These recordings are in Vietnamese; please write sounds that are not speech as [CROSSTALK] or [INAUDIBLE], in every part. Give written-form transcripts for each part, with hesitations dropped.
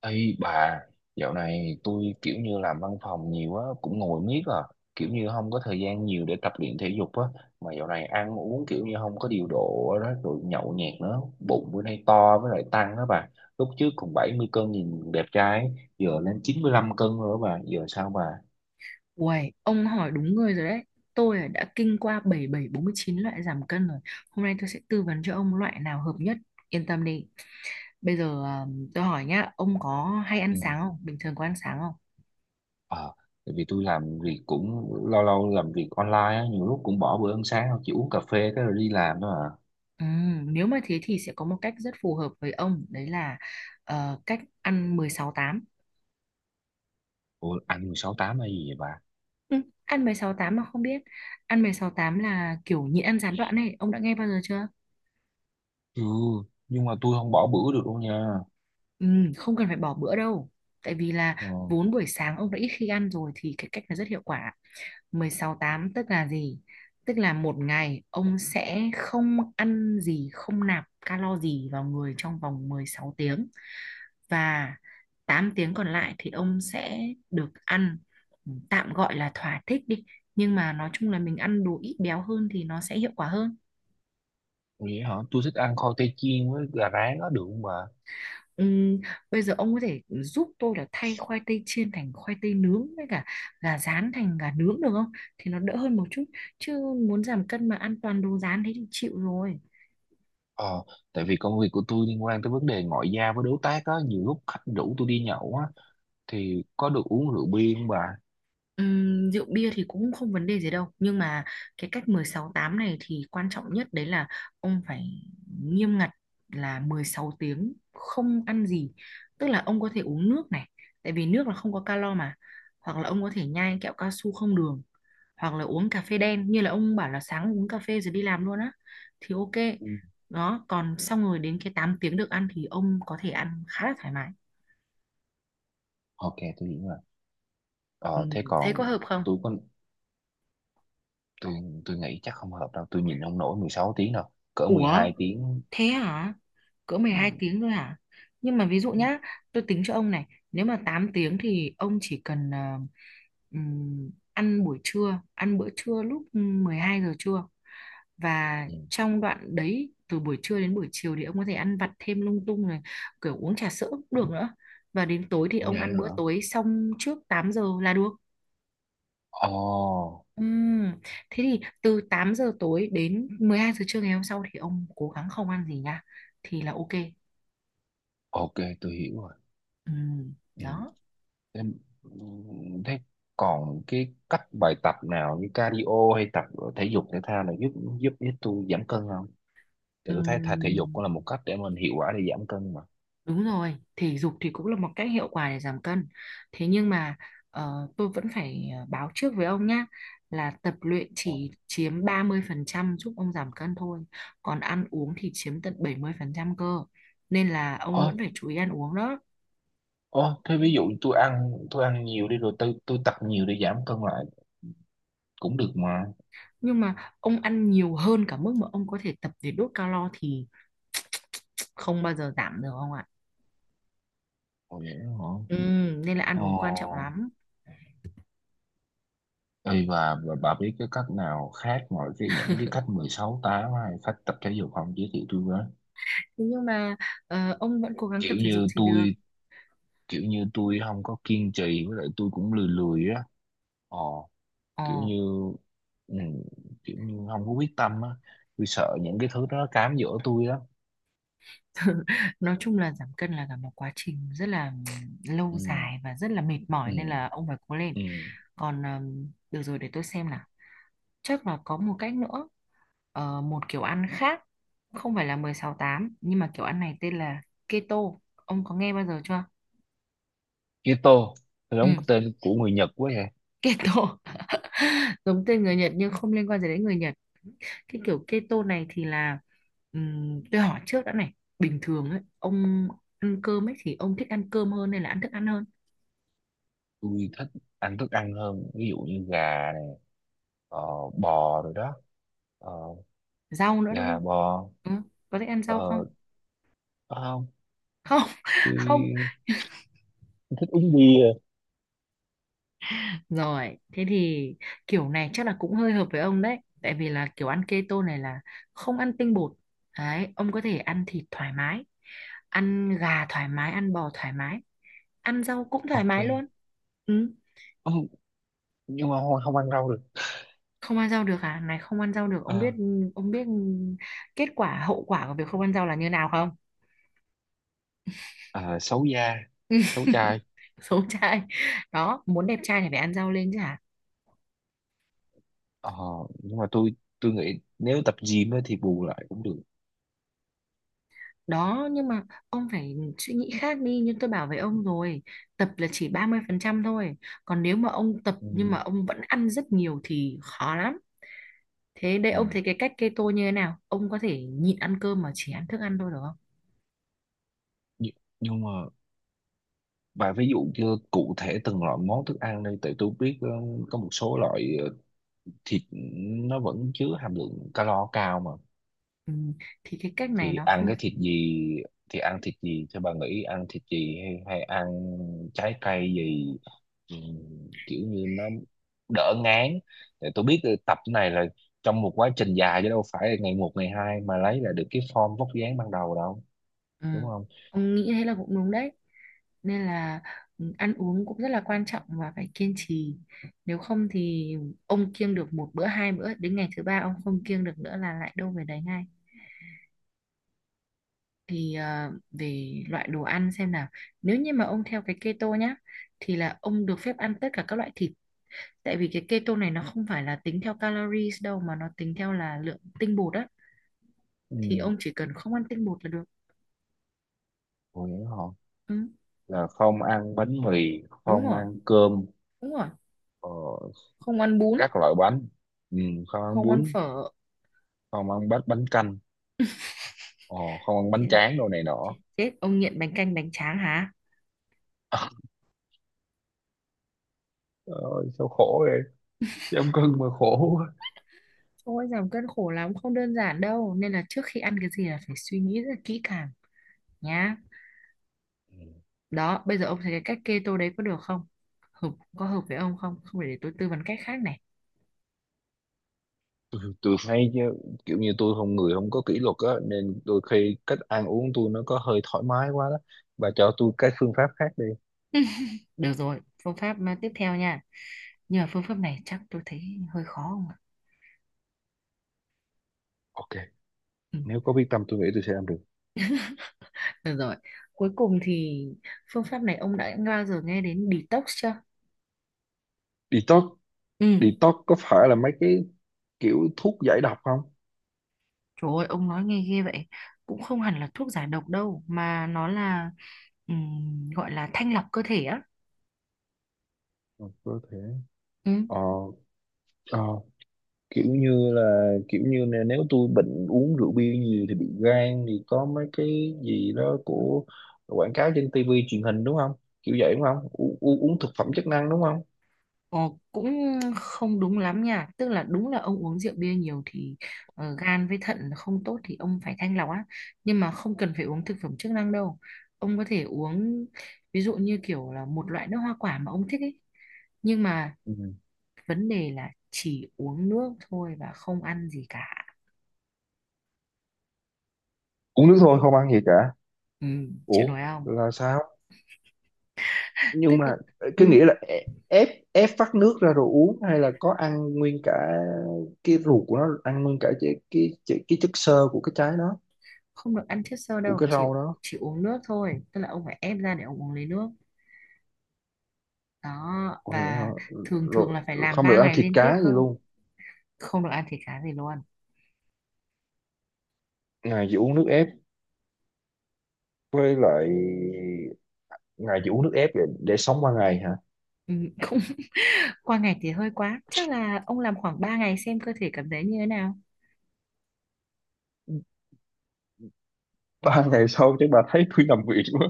Ê bà, dạo này tôi kiểu như làm văn phòng nhiều á, cũng ngồi miết à, kiểu như không có thời gian nhiều để tập luyện thể dục á, mà dạo này ăn uống kiểu như không có điều độ đó, rồi nhậu nhẹt nữa, bụng bữa nay to với lại tăng đó bà, lúc trước còn 70 cân nhìn đẹp trai, ấy, giờ lên 95 cân rồi đó bà, giờ sao bà? Uầy, ông hỏi đúng người rồi đấy. Tôi là đã kinh qua bảy bảy bốn mươi chín loại giảm cân rồi. Hôm nay tôi sẽ tư vấn cho ông loại nào hợp nhất. Yên tâm đi. Bây giờ à, tôi hỏi nhá, ông có hay ăn Ừ. sáng không? Bình thường có ăn sáng không? Ờ, tại vì tôi làm việc cũng lâu lâu làm việc online á, nhiều lúc cũng bỏ bữa ăn sáng, chỉ uống cà phê cái rồi đi làm thôi à. Nếu mà thế thì sẽ có một cách rất phù hợp với ông, đấy là cách ăn 16-8. Ủa, ăn 16 tám hay gì vậy bà? Ừ, ăn mười sáu tám mà không biết. Ăn mười sáu tám là kiểu nhịn ăn gián đoạn này, ông đã nghe bao giờ chưa? Ừ, nhưng mà tôi không bỏ bữa được đâu nha. Ừ, không cần phải bỏ bữa đâu. Tại vì là Ờ, vốn buổi sáng ông đã ít khi ăn rồi thì cái cách này rất hiệu quả. 16-8 tức là gì? Tức là một ngày ông sẽ không ăn gì, không nạp calo gì vào người trong vòng 16 tiếng. Và 8 tiếng còn lại thì ông sẽ được ăn, tạm gọi là thỏa thích đi. Nhưng mà nói chung là mình ăn đồ ít béo hơn thì nó sẽ hiệu quả hơn. vậy hả? Tôi thích ăn khoai tây chiên với gà rán á được không bà? Ừm, Bây giờ ông có thể giúp tôi là thay khoai tây chiên thành khoai tây nướng với cả gà rán thành gà nướng được không? Thì nó đỡ hơn một chút. Chứ muốn giảm cân mà ăn toàn đồ rán thế thì chịu rồi. Ờ, tại vì công việc của tôi liên quan tới vấn đề ngoại giao với đối tác á, nhiều lúc khách rủ tôi đi nhậu á, thì có được uống rượu bia không bà? Rượu bia thì cũng không vấn đề gì đâu, nhưng mà cái cách 16-8 này thì quan trọng nhất đấy là ông phải nghiêm ngặt, là 16 tiếng không ăn gì, tức là ông có thể uống nước này, tại vì nước là không có calo mà, hoặc là ông có thể nhai kẹo cao su không đường, hoặc là uống cà phê đen, như là ông bảo là sáng uống cà phê rồi đi làm luôn á, thì ok. Ừ. Đó, còn xong rồi đến cái 8 tiếng được ăn thì ông có thể ăn khá là thoải mái. Ok, tôi hiểu rồi. Ờ, thế Thấy còn có hợp không? tôi có, tôi, tôi nghĩ chắc không hợp đâu, tôi nhìn không nổi 16 tiếng đâu, cỡ mười Ủa, hai tiếng. thế hả? Cỡ mười Ừ, hai tiếng thôi hả? Nhưng mà ví dụ ừ, nhá, tôi tính cho ông này, nếu mà 8 tiếng thì ông chỉ cần ăn buổi trưa, ăn bữa trưa lúc 12 giờ trưa. Và ừ. trong đoạn đấy, từ buổi trưa đến buổi chiều thì ông có thể ăn vặt thêm lung tung này, kiểu uống trà sữa cũng được nữa. Và đến tối thì Ủa ông vậy ăn bữa hả? tối xong trước 8 giờ là được. Ồ, Ừm, Thế thì từ 8 giờ tối đến 12 giờ trưa ngày hôm sau thì ông cố gắng không ăn gì nha. Thì là ok. ok, tôi hiểu rồi. Ừ, Ừ. đó. Em, thế còn cái cách bài tập nào như cardio hay tập thể dục thể thao này giúp giúp giúp tôi giảm cân không? Thì Ừ, tôi thấy thể dục cũng là một cách để mình hiệu quả để giảm cân mà. đúng rồi, thể dục thì cũng là một cách hiệu quả để giảm cân, thế nhưng mà tôi vẫn phải báo trước với ông nhá, là tập luyện Ờ. chỉ chiếm 30% giúp ông giảm cân thôi, còn ăn uống thì chiếm tận 70% cơ, nên là ông Ờ, vẫn phải chú ý ăn uống đó. ờ, thế ví dụ tôi ăn nhiều đi rồi tôi tập nhiều để giảm cân lại cũng được mà. Nhưng mà ông ăn nhiều hơn cả mức mà ông có thể tập để đốt calo thì không bao giờ giảm được ông ạ. Ồ vậy hả? Ừ, nên là ăn Ờ. uống quan trọng lắm. Ê, và bà biết cái cách nào khác ngoài cái những cái cách [LAUGHS] 16-8 hay cách tập thể dục không giới thiệu tôi với? Thế nhưng mà ông vẫn cố gắng tập Kiểu thể dục như thì được. tôi kiểu như tôi không có kiên trì với lại tôi cũng lười lười á ờ kiểu Ờ, như ừ, kiểu như không có quyết tâm á tôi sợ những cái thứ đó nó cám dỗ tôi lắm. [LAUGHS] nói chung là giảm cân là cả một quá trình rất là lâu Ừ, dài và rất là mệt mỏi ừ, nên là ông phải cố lên. ừ. Còn được rồi để tôi xem nào. Chắc là có một cách nữa, ờ, một kiểu ăn khác, không phải là mười sáu tám nhưng mà kiểu ăn này tên là keto. Ông có nghe bao giờ chưa? Keto Ừ, giống tên của người Nhật quá vậy. keto. [LAUGHS] Giống tên người Nhật nhưng không liên quan gì đến người Nhật. Cái kiểu keto này thì là tôi hỏi trước đã này, bình thường ấy, ông ăn cơm ấy thì ông thích ăn cơm hơn hay là ăn thức ăn hơn? Tôi thích ăn thức ăn hơn ví dụ như gà này, ờ, bò rồi đó, ờ, Rau nữa đúng gà không? bò, Ừ, có thích ăn rau không? ờ có không, Không [LAUGHS] không? tôi thích uống bia. Rồi thế thì kiểu này chắc là cũng hơi hợp với ông đấy, tại vì là kiểu ăn keto này là không ăn tinh bột. Đấy, ông có thể ăn thịt thoải mái, ăn gà thoải mái, ăn bò thoải mái, ăn rau cũng thoải Ok. mái luôn. Ừ. Ồ, nhưng mà không ăn rau được. Không ăn rau được à? Này, không ăn rau được, Ờ, ông biết kết quả, hậu quả của việc không ăn rau là như nào không? à, xấu da, xấu chai. [LAUGHS] Xấu trai. Đó, muốn đẹp trai thì phải ăn rau lên chứ hả? Ờ, nhưng mà tôi nghĩ nếu tập gym ấy thì bù lại cũng được. Đó, nhưng mà ông phải suy nghĩ khác đi, như tôi bảo với ông rồi, tập là chỉ 30% thôi, còn nếu mà ông tập Ừ. nhưng mà ông vẫn ăn rất nhiều thì khó lắm. Thế, đây Ừ. ông thấy cái cách keto như thế nào, ông có thể nhịn ăn cơm mà chỉ ăn thức ăn thôi được không? Nhưng, nhưng mà bà ví dụ như cụ thể từng loại món thức ăn đây tại tôi biết có một số loại thịt nó vẫn chứa hàm lượng calo cao mà, Ừ. Thì cái cách này thì nó ăn không. cái thịt gì, thì ăn thịt gì cho bà nghĩ ăn thịt gì hay ăn trái cây gì. Ừ, kiểu như nó đỡ ngán. Tại tôi biết là tập này là trong một quá trình dài chứ đâu phải là ngày một ngày hai mà lấy lại được cái form vóc dáng ban đầu đâu, Ừ. đúng không? Ông nghĩ thế là cũng đúng đấy, nên là ừ, ăn uống cũng rất là quan trọng và phải kiên trì, nếu không thì ông kiêng được một bữa hai bữa đến ngày thứ ba ông không kiêng được nữa là lại đâu về đấy ngay. Thì về loại đồ ăn xem nào, nếu như mà ông theo cái keto nhá, thì là ông được phép ăn tất cả các loại thịt, tại vì cái keto này nó không phải là tính theo calories đâu mà nó tính theo là lượng tinh bột á. Thì Ừ. ông chỉ cần không ăn tinh bột là được. Hồi nhớ họ Ừ, là không ăn bánh mì đúng không rồi, ăn cơm, đúng rồi, ờ, không ăn bún, các loại bánh, ừ, không ăn không ăn bún, phở. không ăn bánh bánh canh, ờ, không ăn bánh Chết, tráng đồ này chết, nọ. chết. Ông nghiện bánh canh bánh tráng hả? [LAUGHS] Trời ơi, sao khổ vậy, giảm cân mà khổ quá. Ôi giảm cân khổ lắm, không đơn giản đâu, nên là trước khi ăn cái gì là phải suy nghĩ rất là kỹ càng nhá. Đó, bây giờ ông thấy cái cách keto đấy có được không? Hợp, có hợp với ông không? Không phải để tôi tư vấn cách khác này. Tôi thấy chứ, kiểu như tôi không người không có kỷ luật á nên đôi khi cách ăn uống tôi nó có hơi thoải mái quá đó, bà cho tôi cái phương pháp khác đi. Được rồi, phương pháp à, tiếp theo nha. Nhưng mà phương pháp này chắc tôi thấy hơi khó không ạ? Ok. Ừ. Nếu có quyết tâm tôi nghĩ tôi sẽ làm được. Được rồi, cuối cùng thì phương pháp này ông đã bao giờ nghe đến detox chưa? Detox. Ừ, Detox có phải là mấy cái kiểu thuốc giải độc không? trời ơi, ông nói nghe ghê vậy. Cũng không hẳn là thuốc giải độc đâu, mà nó là gọi là thanh lọc cơ thể á. Ừ, có thể. Ừ. ờ, ờ, Kiểu như là kiểu như là nếu tôi bệnh uống rượu bia nhiều thì bị gan thì có mấy cái gì đó của quảng cáo trên tivi truyền hình đúng không, kiểu vậy đúng không? U u- Uống thực phẩm chức năng đúng không? Ồ, cũng không đúng lắm nha, tức là đúng là ông uống rượu bia nhiều thì gan với thận không tốt thì ông phải thanh lọc á, nhưng mà không cần phải uống thực phẩm chức năng đâu, ông có thể uống, ví dụ như kiểu là một loại nước hoa quả mà ông thích ấy, nhưng mà Ừ. vấn đề là chỉ uống nước thôi và không ăn gì cả. Uống nước thôi không ăn gì cả. Ừ, chịu Ủa nổi không? là sao? Tức Nhưng là mà cái ừ, nghĩa là ép ép ép vắt nước ra rồi uống hay là có ăn nguyên cả cái ruột của nó, ăn nguyên cả cái chất xơ của cái trái đó, không được ăn chất xơ của đâu, cái chỉ rau đó. chỉ uống nước thôi, tức là ông phải ép ra để ông uống lấy nước. Đó, Ôi, và ờ, thường thường rồi là phải rồi làm không được 3 ăn ngày thịt liên tiếp cá gì cơ, luôn, không được ăn thịt cá gì luôn. ngày chỉ uống nước ép, với lại ngày chỉ uống nước ép để sống qua ngày hả? Ừ, cũng [LAUGHS] qua ngày thì hơi quá, chắc là ông làm khoảng 3 ngày xem cơ thể cảm thấy như thế nào. Ba [LAUGHS] ngày sau chắc bà thấy tôi nằm viện quá.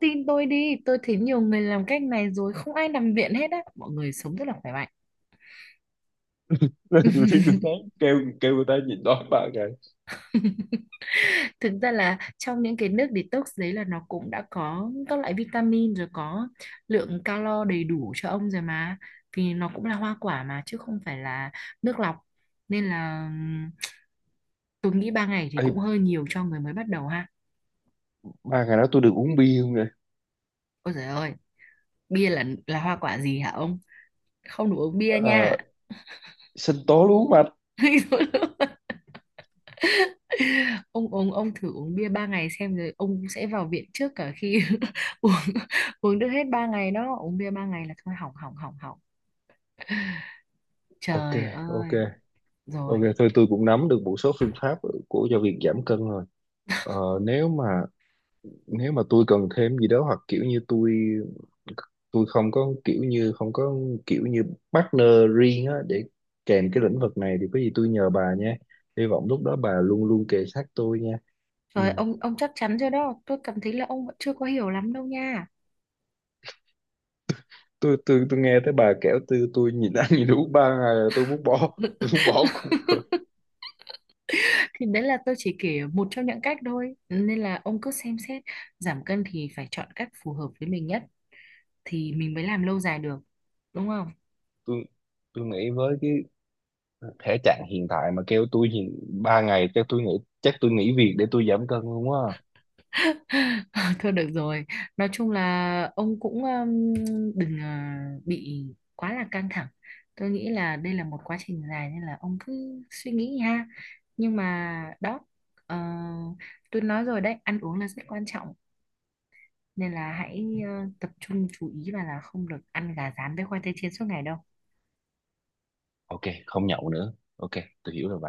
Tin tôi đi, tôi thấy nhiều người làm cách này rồi không ai nằm viện hết á, mọi người sống rất là khỏe mạnh. [LAUGHS] Lên tôi thấy kêu kêu người ta nhịn đói 3 ngày. [LAUGHS] Thực ra là trong những cái nước detox đấy là nó cũng đã có các loại vitamin rồi, có lượng calo đầy đủ cho ông rồi mà, vì nó cũng là hoa quả mà chứ không phải là nước lọc, nên là tôi nghĩ ba ngày thì Ê, cũng hơi nhiều cho người mới bắt đầu ha. 3 ngày đó tôi được uống bia không nè? Ôi trời ơi, bia là hoa quả gì hả ông? Không, đủ uống bia nha. Ờ, sinh tố lúa mạch. [LAUGHS] Ông uống, ông thử uống bia ba ngày xem rồi ông sẽ vào viện trước cả khi [LAUGHS] uống, uống được hết ba ngày đó, uống bia ba ngày là thôi hỏng hỏng hỏng hỏng. Ok, Trời ok, ơi. ok, Rồi, thôi tôi cũng nắm được một số phương pháp của cho việc giảm cân rồi. ờ, Nếu mà nếu mà tôi cần thêm gì đó hoặc kiểu như tôi không có kiểu như không có kiểu như partner riêng á để kèm cái lĩnh vực này thì có gì tôi nhờ bà nha, hy vọng lúc đó bà luôn luôn kề sát tôi nha. Ừ. rồi ông chắc chắn chưa đó, tôi cảm thấy là ông vẫn chưa có hiểu lắm đâu nha. tôi nghe tới bà kể tôi nhìn ăn nhìn uống 3 ngày là tôi muốn bỏ [LAUGHS] tôi [LAUGHS] muốn bỏ cuộc rồi. Thì đấy là tôi chỉ kể một trong những cách thôi, nên là ông cứ xem xét, giảm cân thì phải chọn cách phù hợp với mình nhất thì mình mới làm lâu dài được, đúng không? Tôi tôi nghĩ với cái thể trạng hiện tại mà kêu tôi nhìn 3 ngày chắc tôi nghĩ chắc tôi nghỉ việc để tôi giảm cân luôn á. [LAUGHS] Thôi được rồi. Nói chung là ông cũng đừng bị quá là căng thẳng. Tôi nghĩ là đây là một quá trình dài nên là ông cứ suy nghĩ ha. Nhưng mà đó, ờ, tôi nói rồi đấy, ăn uống là rất quan trọng. Nên là hãy tập trung chú ý và là không được ăn gà rán với khoai tây chiên suốt ngày đâu. Ok, không nhậu nữa. Ok, tôi hiểu rồi bà.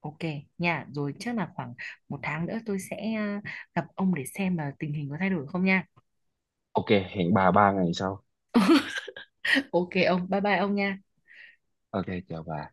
Ok nha, rồi chắc là khoảng một tháng nữa tôi sẽ gặp ông để xem là tình hình có thay đổi không nha. Ok, hẹn bà 3 ngày sau. [LAUGHS] Ok ông, bye bye ông nha. Ok, chào bà.